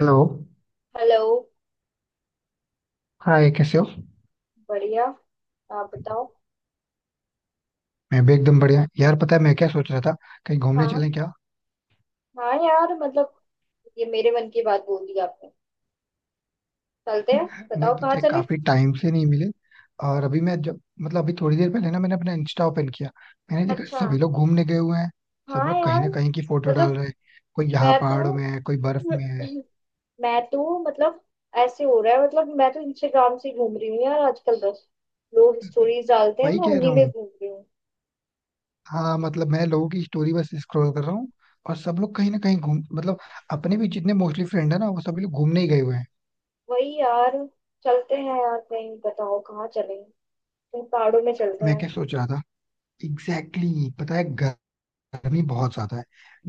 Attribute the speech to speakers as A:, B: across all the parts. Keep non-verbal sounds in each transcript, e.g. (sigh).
A: Hello.
B: Hello.
A: Hi कैसे हो?
B: बढ़िया। आप बताओ।
A: मैं भी एकदम बढ़िया यार। पता है मैं क्या सोच रहा था? कहीं घूमने
B: हाँ।
A: चलें क्या?
B: हाँ यार मतलब ये मेरे मन की बात बोल दी आपने। चलते हैं।
A: नहीं,
B: बताओ कहाँ
A: पिछले
B: चले
A: काफी टाइम से नहीं मिले। और अभी मैं जब मतलब अभी थोड़ी देर पहले ना मैंने अपना इंस्टा ओपन किया। मैंने देखा
B: अच्छा।
A: सभी लोग घूमने गए हुए हैं। सब
B: हाँ
A: लोग कहीं
B: यार
A: ना कहीं की फोटो डाल
B: मतलब
A: रहे हैं। कोई यहाँ
B: मैं तो
A: पहाड़ों में है, कोई बर्फ में है।
B: मैं तो मतलब ऐसे हो रहा है। मतलब मैं तो इंस्टाग्राम से ही घूम रही हूँ यार आजकल। बस लोग स्टोरीज डालते हैं,
A: वही
B: मैं
A: कह रहा
B: उन्हीं में
A: हूँ।
B: घूम रही हूँ।
A: हाँ मतलब मैं लोगों की स्टोरी बस स्क्रॉल कर रहा हूँ। और सब लोग कहीं ना कहीं घूम मतलब अपने भी जितने मोस्टली फ्रेंड है ना वो सभी लोग घूमने ही गए हुए हैं।
B: वही यार। चलते हैं यार कहीं। बताओ कहाँ चलें। कहीं पहाड़ों में चलते
A: मैं क्या
B: हैं।
A: सोच रहा था? एग्जैक्टली exactly, पता है गर्मी बहुत ज्यादा है।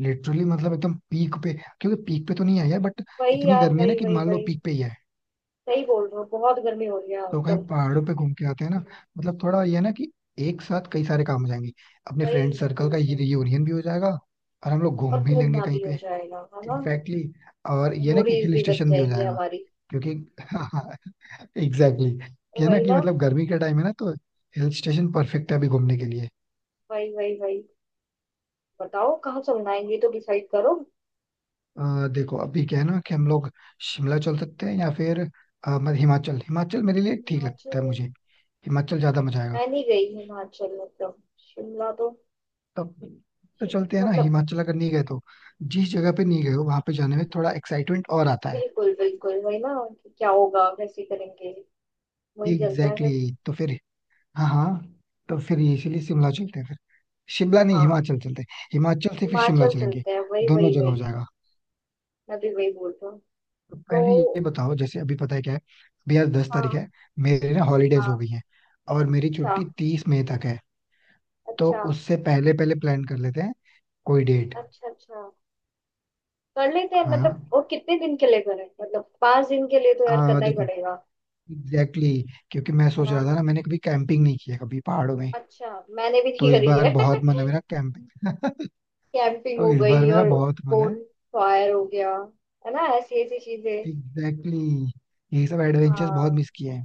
A: लिटरली मतलब एकदम पीक पे। क्योंकि पीक पे तो नहीं आई है बट
B: वही
A: इतनी
B: यार,
A: गर्मी है ना
B: वही
A: कि
B: वही
A: मान लो
B: वही।
A: पीक पे ही है।
B: सही बोल रहे हो, बहुत गर्मी हो रही है
A: तो कहीं
B: आजकल।
A: पहाड़ों पे घूम के आते हैं ना। मतलब थोड़ा ये है ना कि एक साथ कई सारे काम हो जाएंगे। अपने
B: वही
A: फ्रेंड सर्कल
B: वही
A: का ये
B: वही।
A: रियूनियन भी हो जाएगा। और हम लोग
B: और
A: घूम भी लेंगे
B: घूमना
A: कहीं
B: भी हो
A: पे।
B: जाएगा, है ना।
A: इनफैक्टली और ये ना कि
B: मेमोरीज
A: हिल
B: भी बच
A: स्टेशन भी हो
B: जाएंगी
A: जाएगा
B: हमारी।
A: क्योंकि (laughs) हाँ। एग्जैक्टली
B: तो
A: ये ना
B: वही
A: कि
B: ना।
A: मतलब गर्मी का टाइम है ना तो हिल स्टेशन परफेक्ट है अभी घूमने के लिए।
B: वही वही वही। बताओ कहाँ चलना है, ये तो डिसाइड करो।
A: देखो अभी क्या है ना कि हम लोग शिमला चल सकते हैं या फिर हिमाचल। हिमाचल मेरे लिए ठीक लगता
B: हिमाचल।
A: है मुझे। हिमाचल ज्यादा मजा आएगा।
B: मैं नहीं गई हिमाचल मतलब शिमला तो।
A: तब तो
B: शि-
A: चलते हैं ना
B: मतलब
A: हिमाचल। अगर नहीं गए तो जिस जगह पे नहीं गए हो वहां पे जाने में थोड़ा एक्साइटमेंट और आता है।
B: बिल्कुल बिल्कुल वही ना, कि क्या होगा, कैसे करेंगे। वही चलते हैं
A: एग्जैक्टली
B: फिर।
A: exactly. तो फिर हाँ हाँ। तो फिर ये इसीलिए शिमला चलते हैं फिर। शिमला नहीं,
B: हाँ
A: हिमाचल चलते हैं। हिमाचल से फिर शिमला
B: हिमाचल
A: चलेंगे।
B: चलते हैं। वही
A: दोनों
B: वही
A: जगह हो
B: वही।
A: जाएगा।
B: मैं भी वही बोल रहा हूँ
A: तो
B: तो।
A: पहले ये बताओ, जैसे अभी पता है क्या है, अभी आज 10 तारीख
B: हाँ
A: है। मेरे ना हॉलीडेज हो गई
B: हाँ।
A: है। और मेरी
B: अच्छा
A: छुट्टी 30 मई तक है। तो
B: अच्छा
A: उससे पहले पहले प्लान कर लेते हैं कोई डेट।
B: अच्छा अच्छा, कर लेते हैं
A: हाँ।
B: मतलब। वो कितने दिन के लिए करें? मतलब 5 दिन के लिए तो यार करना ही
A: देखो
B: पड़ेगा।
A: एग्जैक्टली exactly, क्योंकि मैं
B: है
A: सोच
B: ना।
A: रहा था ना मैंने कभी कैंपिंग नहीं किया कभी पहाड़ों में।
B: अच्छा। मैंने भी
A: तो
B: नहीं
A: इस
B: करी
A: बार
B: है
A: बहुत मन है
B: (laughs)
A: मेरा कैंपिंग। (laughs)
B: कैंपिंग
A: तो
B: हो
A: इस बार
B: गई,
A: मेरा
B: और
A: बहुत मन है।
B: बोन फायर हो गया, है ना ऐसी ऐसी चीजें।
A: एग्जैक्टली exactly, ये सब एडवेंचर्स
B: हाँ
A: बहुत मिस किए हैं।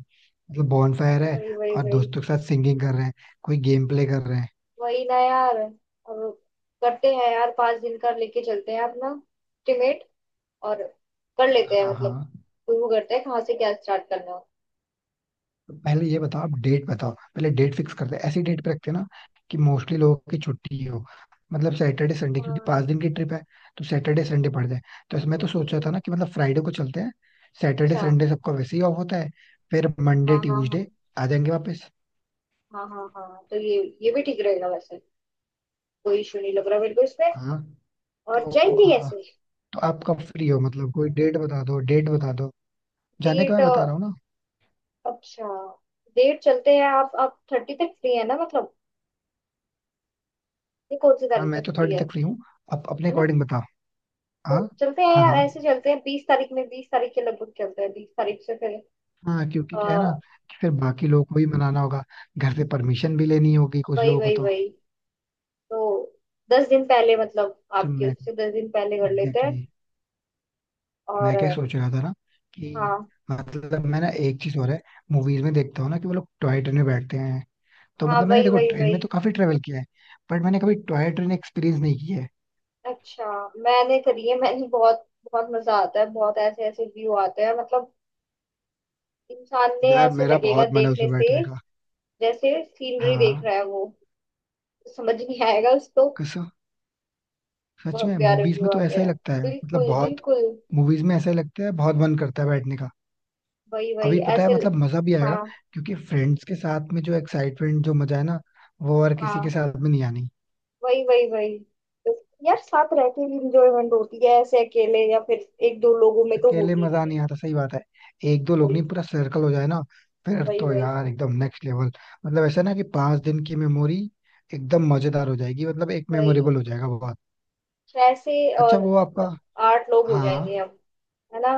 A: मतलब बॉनफायर है,
B: वही वही
A: और
B: वही।
A: दोस्तों के साथ सिंगिंग कर रहे हैं, कोई गेम प्ले कर रहे हैं।
B: वही ना यार। और करते हैं यार, 5 दिन का लेके चलते हैं अपना एस्टिमेट। और कर लेते हैं
A: हाँ
B: मतलब।
A: हाँ।
B: शुरू करते हैं कहाँ से, क्या स्टार्ट करना है।
A: तो पहले ये बताओ, आप डेट बताओ। पहले डेट फिक्स करते हैं। ऐसी डेट पे रखते हैं ना कि मोस्टली लोगों की छुट्टी हो। मतलब सैटरडे संडे, क्योंकि 5 दिन की
B: हाँ।
A: ट्रिप है। तो सैटरडे संडे पड़ जाए। तो
B: अब
A: इसमें
B: वो
A: तो सोचा था
B: तीन।
A: ना कि मतलब फ्राइडे को चलते हैं। सैटरडे
B: अच्छा।
A: संडे सबका वैसे ही ऑफ होता है। फिर मंडे
B: हाँ हाँ हाँ
A: ट्यूजडे आ जाएंगे वापस।
B: हाँ हाँ हाँ हाँ। तो ये भी ठीक रहेगा वैसे। कोई इशू नहीं लग रहा मेरे को इसमें।
A: हाँ।
B: और
A: तो
B: जाएंगे
A: आ,
B: ऐसे।
A: तो आप कब फ्री हो? मतलब कोई डेट बता दो, डेट बता दो जाने का,
B: डेट
A: मैं बता रहा हूँ ना।
B: अच्छा। डेट चलते हैं। आप 30 तक फ्री है ना मतलब। ये कौन सी
A: हाँ,
B: तारीख
A: मैं
B: तक
A: तो
B: फ्री
A: 30
B: है?
A: तक फ्री हूँ। आप अपने
B: है ना।
A: अकॉर्डिंग बताओ। हाँ
B: तो चलते हैं
A: हाँ
B: यार,
A: हाँ
B: ऐसे चलते हैं 20 तारीख में, 20 तारीख के लगभग चलते हैं, 20 तारीख से फिर।
A: हाँ, क्योंकि क्या है ना
B: अ,
A: कि फिर बाकी लोगों को भी मनाना होगा। घर से परमिशन भी लेनी होगी कुछ
B: वही
A: लोगों को
B: वही
A: तो।
B: वही। तो 10 दिन पहले, मतलब
A: तो
B: आपके
A: मैं
B: उससे 10 दिन पहले कर लेते
A: एग्जैक्टली
B: हैं।
A: exactly,
B: और
A: मैं क्या सोच रहा था ना कि
B: हाँ
A: मतलब मैं ना एक चीज और है। मूवीज में देखता हूँ ना कि वो लोग टॉय ट्रेन में बैठते हैं। तो
B: हाँ।
A: मतलब मैंने
B: वही
A: देखो
B: वही
A: ट्रेन
B: वही।
A: में तो काफी ट्रेवल किया है, बट मैंने कभी टॉय ट्रेन एक्सपीरियंस नहीं किया है।
B: अच्छा मैंने करी है, मैंने बहुत। बहुत मजा आता है, बहुत ऐसे ऐसे व्यू आते हैं मतलब। इंसान ने
A: यार
B: ऐसे
A: मेरा
B: लगेगा
A: बहुत मन है
B: देखने
A: उसमें
B: से,
A: बैठने का।
B: जैसे सीनरी देख
A: हाँ
B: रहा है वो। समझ नहीं आएगा उसको।
A: कसम, सच
B: बहुत
A: में
B: प्यारे
A: मूवीज में
B: व्यू
A: तो
B: आते
A: ऐसा ही
B: हैं।
A: लगता है, मतलब
B: बिल्कुल
A: बहुत।
B: बिल्कुल।
A: मूवीज में ऐसा ही लगता है, बहुत मन करता है बैठने का।
B: वही वही
A: अभी पता है
B: ऐसे
A: मतलब मजा भी आएगा,
B: हाँ।
A: क्योंकि फ्रेंड्स के साथ में जो एक्साइटमेंट जो मजा है ना वो और किसी
B: हाँ
A: के साथ में नहीं आनी।
B: वही वही वही। यार साथ रह के भी इंजॉयमेंट होती है, ऐसे अकेले या फिर एक दो लोगों में तो
A: अकेले
B: होती
A: मजा
B: नहीं है।
A: नहीं आता, सही बात है। एक दो लोग
B: वही
A: नहीं, पूरा सर्कल हो जाए ना। फिर
B: वही
A: तो
B: वही
A: यार एकदम नेक्स्ट लेवल। मतलब ऐसा ना कि 5 दिन की मेमोरी एकदम मजेदार हो जाएगी। मतलब एक
B: वही।
A: मेमोरेबल हो जाएगा बहुत।
B: छह से।
A: अच्छा
B: और
A: वो आपका
B: 8 लोग हो जाएंगे
A: हाँ।
B: अब। है ना।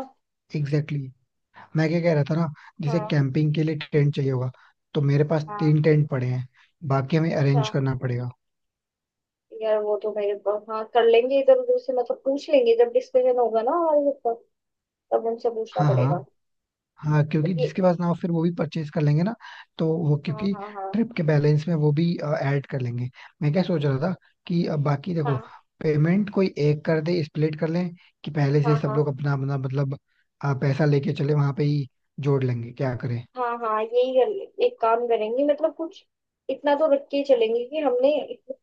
A: Exactly exactly. मैं क्या कह रहा था ना, जैसे
B: हाँ
A: कैंपिंग के लिए टेंट चाहिए होगा। तो मेरे पास
B: हाँ।
A: 3 टेंट पड़े हैं। बाकी हमें
B: अच्छा।
A: अरेंज करना पड़ेगा।
B: यार वो तो मेरे पास हाँ, कर लेंगे इधर उधर से, मतलब पूछ लेंगे जब डिस्कशन होगा ना हमारे ऊपर। तब उनसे पूछना
A: हाँ हाँ
B: पड़ेगा।
A: हाँ,
B: तो
A: क्योंकि
B: ये।
A: जिसके पास ना हो फिर वो भी परचेज कर लेंगे ना। तो वो
B: हाँ
A: क्योंकि
B: हाँ हाँ
A: ट्रिप के बैलेंस में वो भी ऐड कर लेंगे। मैं क्या सोच रहा था कि अब बाकी देखो
B: हाँ
A: पेमेंट कोई एक कर दे, स्प्लिट कर लें। कि पहले से ही
B: हाँ
A: सब
B: हाँ
A: लोग अपना अपना मतलब पैसा लेके चले वहां पे ही, जोड़ लेंगे, क्या करें।
B: हाँ हाँ यही कर ले, एक काम करेंगे मतलब कुछ। इतना तो रख के ही चलेंगे कि हमने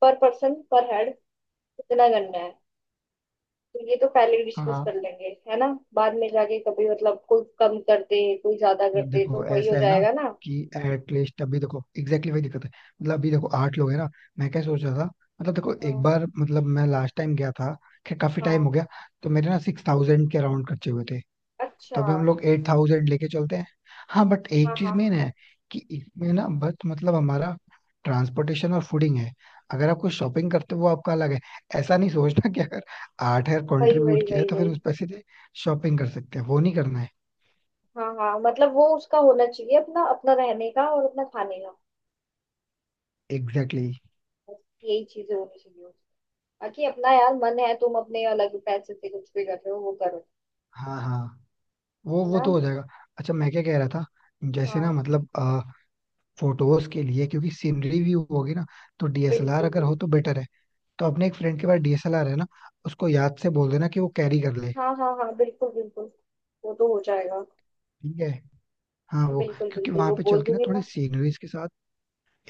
B: पर पर्सन, पर हेड इतना करना है। तो ये तो पहले डिस्कस
A: हाँ।
B: कर लेंगे, है ना। बाद में जाके कभी मतलब कोई कम कर दे कोई ज्यादा कर
A: अब
B: दे,
A: देखो
B: तो वही हो
A: ऐसा है ना
B: जाएगा ना।
A: कि एटलीस्ट अभी देखो एग्जैक्टली exactly वही दिक्कत है। मतलब अभी देखो
B: हाँ।
A: 8 लोग है ना। मैं क्या सोच रहा था, मतलब देखो एक
B: हाँ
A: बार, मतलब मैं लास्ट टाइम गया था, खैर काफी
B: हाँ,
A: टाइम हो गया। तो मेरे ना 6,000 के अराउंड खर्चे हुए थे। तो
B: अच्छा।
A: अभी हम लोग 8,000 लेके चलते हैं। हाँ बट
B: हाँ
A: एक चीज
B: हाँ हाँ।
A: मेन है कि इसमें ना बस मतलब हमारा ट्रांसपोर्टेशन और फूडिंग है। अगर आप कुछ शॉपिंग करते हो वो आपका अलग है। ऐसा नहीं सोचना कि अगर 8 हजार
B: वही वही
A: कंट्रीब्यूट किया है
B: वही
A: तो फिर
B: वही।
A: उस पैसे से शॉपिंग कर सकते हैं, वो नहीं करना है।
B: हाँ हाँ, मतलब वो उसका होना चाहिए अपना अपना रहने का और अपना खाने का।
A: Exactly exactly.
B: बस यही चीजें होनी चाहिए उसकी। बाकी अपना यार मन है, तुम अपने अलग पैसे से कुछ भी कर रहे हो वो करो।
A: हाँ हाँ, वो
B: है
A: वो
B: ना।
A: तो हो जाएगा। अच्छा मैं क्या कह रहा था, जैसे ना
B: हाँ
A: मतलब फोटोज के लिए क्योंकि सीनरी व्यू होगी ना, तो डीएसएलआर
B: बिल्कुल
A: अगर
B: बिल्कुल।
A: हो तो बेटर है। तो अपने एक फ्रेंड के पास डीएसएलआर है ना, उसको याद से बोल देना कि वो कैरी कर ले।
B: हाँ हाँ हाँ बिल्कुल बिल्कुल, वो तो हो जाएगा।
A: ठीक है। हाँ वो,
B: बिल्कुल
A: क्योंकि
B: बिल्कुल,
A: वहां
B: वो
A: पे
B: बोल
A: चल के ना
B: दूंगी मैं।
A: थोड़ी सीनरीज के साथ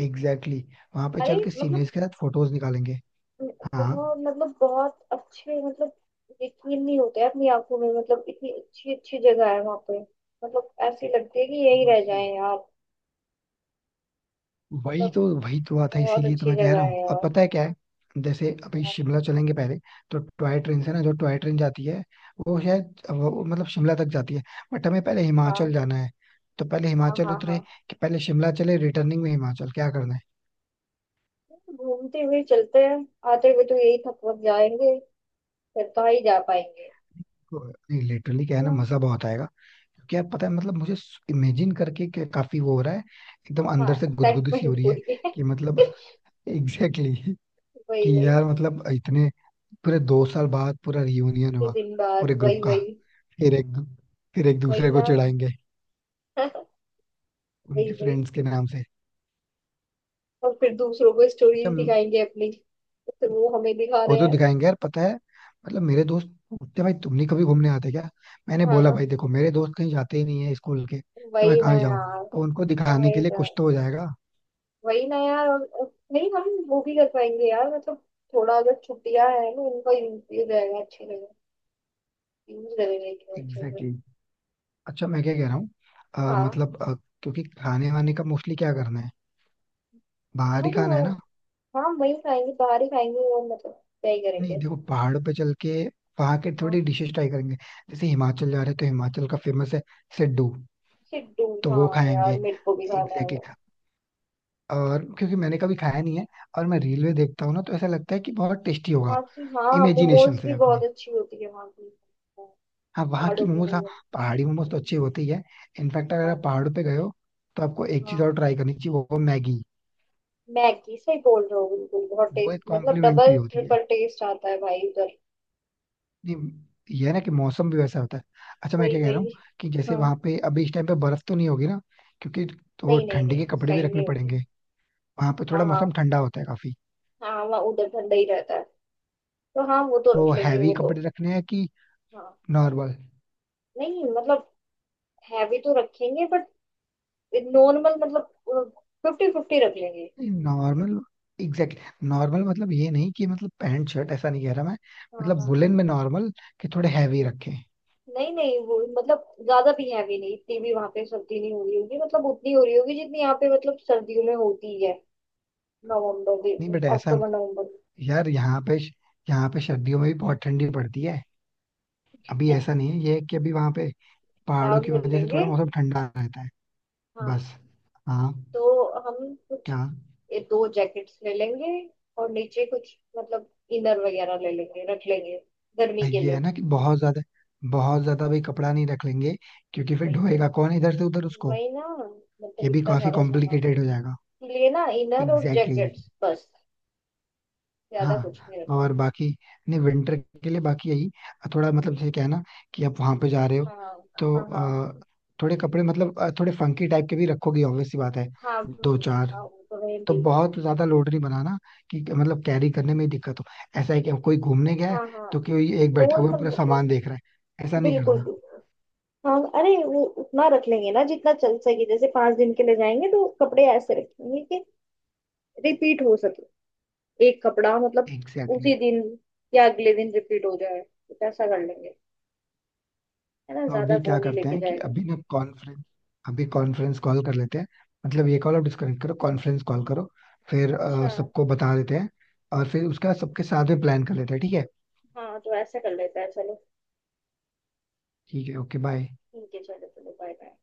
A: एग्जैक्टली exactly, वहां पे
B: अरे
A: चल के
B: मतलब
A: सीनरीज के साथ फोटोज निकालेंगे। हाँ।
B: बहुत, मतलब बहुत अच्छे मतलब। यकीन नहीं होता है अपनी आंखों में, मतलब इतनी अच्छी अच्छी जगह है वहां पे। मतलब ऐसी लगती है कि यही रह
A: वही,
B: जाए यार। मतलब
A: वही तो बात है,
B: बहुत
A: इसीलिए तो
B: अच्छी
A: मैं कह
B: जगह
A: रहा हूँ।
B: है
A: अब
B: यार।
A: पता है क्या है, जैसे अभी
B: हाँ
A: शिमला चलेंगे पहले, तो टॉय ट्रेन से ना, जो टॉय ट्रेन जाती है वो शायद वो मतलब शिमला तक जाती है। बट हमें पहले
B: हाँ
A: हिमाचल जाना है। तो पहले
B: हाँ
A: हिमाचल
B: हाँ हाँ।
A: उतरे, कि पहले शिमला चले, रिटर्निंग में हिमाचल क्या करना है।
B: घूमते हुए चलते हैं, आते हुए तो यही थक जाएंगे, फिर कहाँ ही जा पाएंगे।
A: नहीं लिटरली क्या है ना
B: हाँ।
A: मजा बहुत आएगा, क्योंकि यार पता है मतलब मुझे इमेजिन करके के काफी वो हो रहा है। एकदम
B: हाँ
A: अंदर से गुदगुदी सी हो
B: एक्साइटमेंट
A: रही
B: हो
A: है
B: रही है
A: कि मतलब
B: (laughs)
A: (laughs) एग्जैक्टली exactly,
B: वही
A: कि
B: वही।
A: यार मतलब इतने पूरे 2 साल बाद पूरा रियूनियन
B: फिर
A: हुआ
B: दिन बाद
A: पूरे ग्रुप
B: वही
A: का।
B: वही।
A: फिर एक दू- फिर एक
B: वही
A: दूसरे को
B: ना
A: चिढ़ाएंगे
B: (laughs) वही
A: उनके
B: वही।
A: फ्रेंड्स के नाम से।
B: और फिर दूसरों को
A: अच्छा
B: स्टोरीज दिखाएंगे अपनी। तो वो हमें दिखा
A: वो
B: रहे
A: तो
B: हैं।
A: दिखाएंगे यार, पता है मतलब मेरे दोस्त पूछते भाई तुम नहीं कभी घूमने आते क्या। मैंने बोला
B: हाँ
A: भाई देखो मेरे दोस्त कहीं जाते ही नहीं है स्कूल के, तो मैं
B: वही ना
A: कहाँ जाऊँ।
B: यार।
A: तो उनको दिखाने
B: वही
A: के लिए
B: ना।
A: कुछ तो हो जाएगा।
B: वही ना यार। और नहीं, हम वो भी कर पाएंगे यार मतलब। थोड़ा अगर छुट्टियां हैं ना, उनका यूज रहेगा अच्छी जगह। यूज करेंगे अच्छे से।
A: Exactly exactly. अच्छा मैं क्या कह रहा हूँ,
B: हाँ
A: मतलब क्योंकि खाने वाने का मोस्टली क्या करना है, बाहर
B: हाँ
A: ही खाना है ना।
B: हाँ वही खाएंगे, बाहर ही खाएंगे, और मतलब क्या ही
A: नहीं
B: करेंगे।
A: देखो, पहाड़ पे चल के वहां के
B: हाँ।
A: थोड़ी डिशेस ट्राई करेंगे। जैसे हिमाचल जा रहे हैं तो हिमाचल का फेमस है सिड्डू,
B: सिड्डू।
A: तो वो
B: हाँ
A: खाएंगे।
B: यार, मेरे को भी खाना है।
A: Exactly exactly. और क्योंकि मैंने कभी खाया नहीं है, और मैं रील में देखता हूँ ना तो ऐसा लगता है कि बहुत टेस्टी
B: वहाँ
A: होगा
B: की हाँ,
A: इमेजिनेशन
B: मोमोज
A: से
B: भी बहुत
A: अपने।
B: अच्छी होती है वहाँ की।
A: हाँ वहाँ की
B: पहाड़ों के
A: मोमोज, हाँ
B: मोमोज।
A: पहाड़ी मोमोज तो अच्छी होती है। इनफैक्ट अगर आप
B: हाँ।
A: पहाड़ों पे गए हो तो आपको एक चीज
B: हाँ
A: और ट्राई करनी चाहिए, वो मैगी।
B: मैगी, सही बोल रहे हो बिल्कुल। बहुत
A: वो
B: टेस्ट
A: एक
B: मतलब
A: कॉम्प्लीमेंट्री
B: डबल
A: होती है।
B: ट्रिपल टेस्ट आता है भाई उधर।
A: नहीं ये है ना कि मौसम भी वैसा होता है। अच्छा मैं
B: वही
A: क्या कह रहा हूँ,
B: वही।
A: कि जैसे
B: हाँ।
A: वहां पे अभी इस टाइम पे बर्फ तो नहीं होगी ना, क्योंकि तो वो
B: नहीं नहीं
A: ठंडी
B: नहीं,
A: के
B: इस
A: कपड़े भी
B: टाइम
A: रखने
B: नहीं होती।
A: पड़ेंगे। वहां पे थोड़ा
B: हाँ हाँ।
A: मौसम ठंडा होता है काफी।
B: हाँ वहाँ उधर ठंडा ही रहता है। तो हाँ वो तो
A: तो
B: रख लेंगे
A: हैवी
B: वो तो।
A: कपड़े रखने हैं कि
B: हाँ।
A: नॉर्मल?
B: नहीं मतलब हैवी तो रखेंगे बट नॉर्मल मतलब 50-50 रख लेंगे।
A: नॉर्मल एग्जैक्ट, नॉर्मल मतलब ये नहीं कि मतलब पैंट शर्ट, ऐसा नहीं कह रहा मैं।
B: हाँ
A: मतलब
B: हाँ।
A: वुलन में नॉर्मल कि थोड़े हैवी रखें।
B: नहीं नहीं, वो मतलब ज्यादा भी हैवी नहीं, इतनी भी वहां पे सर्दी नहीं हो रही होगी, मतलब उतनी हो रही होगी जितनी यहाँ पे मतलब सर्दियों में होती है। नवंबर भी,
A: नहीं बट ऐसा न-
B: अक्टूबर नवंबर
A: यार यहाँ पे सर्दियों में भी बहुत ठंडी पड़ती है। अभी
B: में।
A: ऐसा नहीं है, ये है कि अभी वहां पे पहाड़ों
B: काम
A: की
B: कर
A: वजह से
B: लेंगे।
A: थोड़ा मौसम ठंडा रहता है,
B: हाँ।
A: बस। हाँ।
B: तो हम कुछ
A: क्या?
B: ये 2 जैकेट्स ले लेंगे, और नीचे कुछ मतलब इनर वगैरह ले लेंगे रख लेंगे गर्मी
A: भाई,
B: के
A: ये है
B: लिए।
A: ना कि बहुत ज्यादा भी कपड़ा नहीं रख लेंगे, क्योंकि फिर
B: वही वही।
A: ढोएगा कौन इधर से उधर उसको।
B: वही ना, मतलब
A: ये भी
B: इतना
A: काफी
B: सारा
A: कॉम्प्लिकेटेड
B: सामान
A: हो जाएगा।
B: लिए ना, इनर और
A: एग्जैक्टली exactly.
B: जैकेट्स बस, ज्यादा कुछ
A: हाँ
B: नहीं रखेंगे।
A: और बाकी नहीं विंटर के लिए बाकी यही थोड़ा मतलब जैसे क्या है ना कि आप वहां पे जा रहे हो,
B: हाँ
A: तो
B: हाँ हाँ
A: थोड़े कपड़े मतलब थोड़े फंकी टाइप के भी रखोगे ऑब्वियस सी बात है,
B: हाँ
A: दो चार।
B: हाँ वो तो रहेंगे
A: तो
B: ही।
A: बहुत ज्यादा लोड नहीं बनाना कि मतलब कैरी करने में ही दिक्कत हो। ऐसा है कि अब कोई घूमने गया है
B: हाँ हाँ
A: तो कोई एक बैठा
B: डोल
A: हुआ है, पूरा
B: मतलब।
A: सामान देख रहा है, ऐसा नहीं
B: बिल्कुल
A: करना।
B: बिल्कुल। हाँ अरे, वो उतना रख लेंगे ना जितना चल सके, जैसे 5 दिन के लिए जाएंगे तो कपड़े ऐसे रखेंगे कि रिपीट हो सके। एक कपड़ा मतलब
A: एग्जैक्टली
B: उसी
A: exactly.
B: दिन या अगले दिन रिपीट हो जाए, कुछ ऐसा कर लेंगे। है ना,
A: तो
B: ज्यादा
A: अभी
B: वो
A: क्या
B: नहीं
A: करते
B: लेके
A: हैं कि
B: जाएगा।
A: अभी ना कॉन्फ्रेंस कॉल कर लेते हैं, मतलब ये कॉल आप डिस्कनेक्ट करो, कॉन्फ्रेंस कॉल करो। फिर
B: अच्छा।
A: सबको बता देते हैं और फिर उसका सबके साथ में प्लान कर लेते हैं। ठीक है।
B: हाँ तो ऐसा कर लेते हैं चलो।
A: ठीक है ओके बाय।
B: ठीक है, चलो चलो बाय बाय।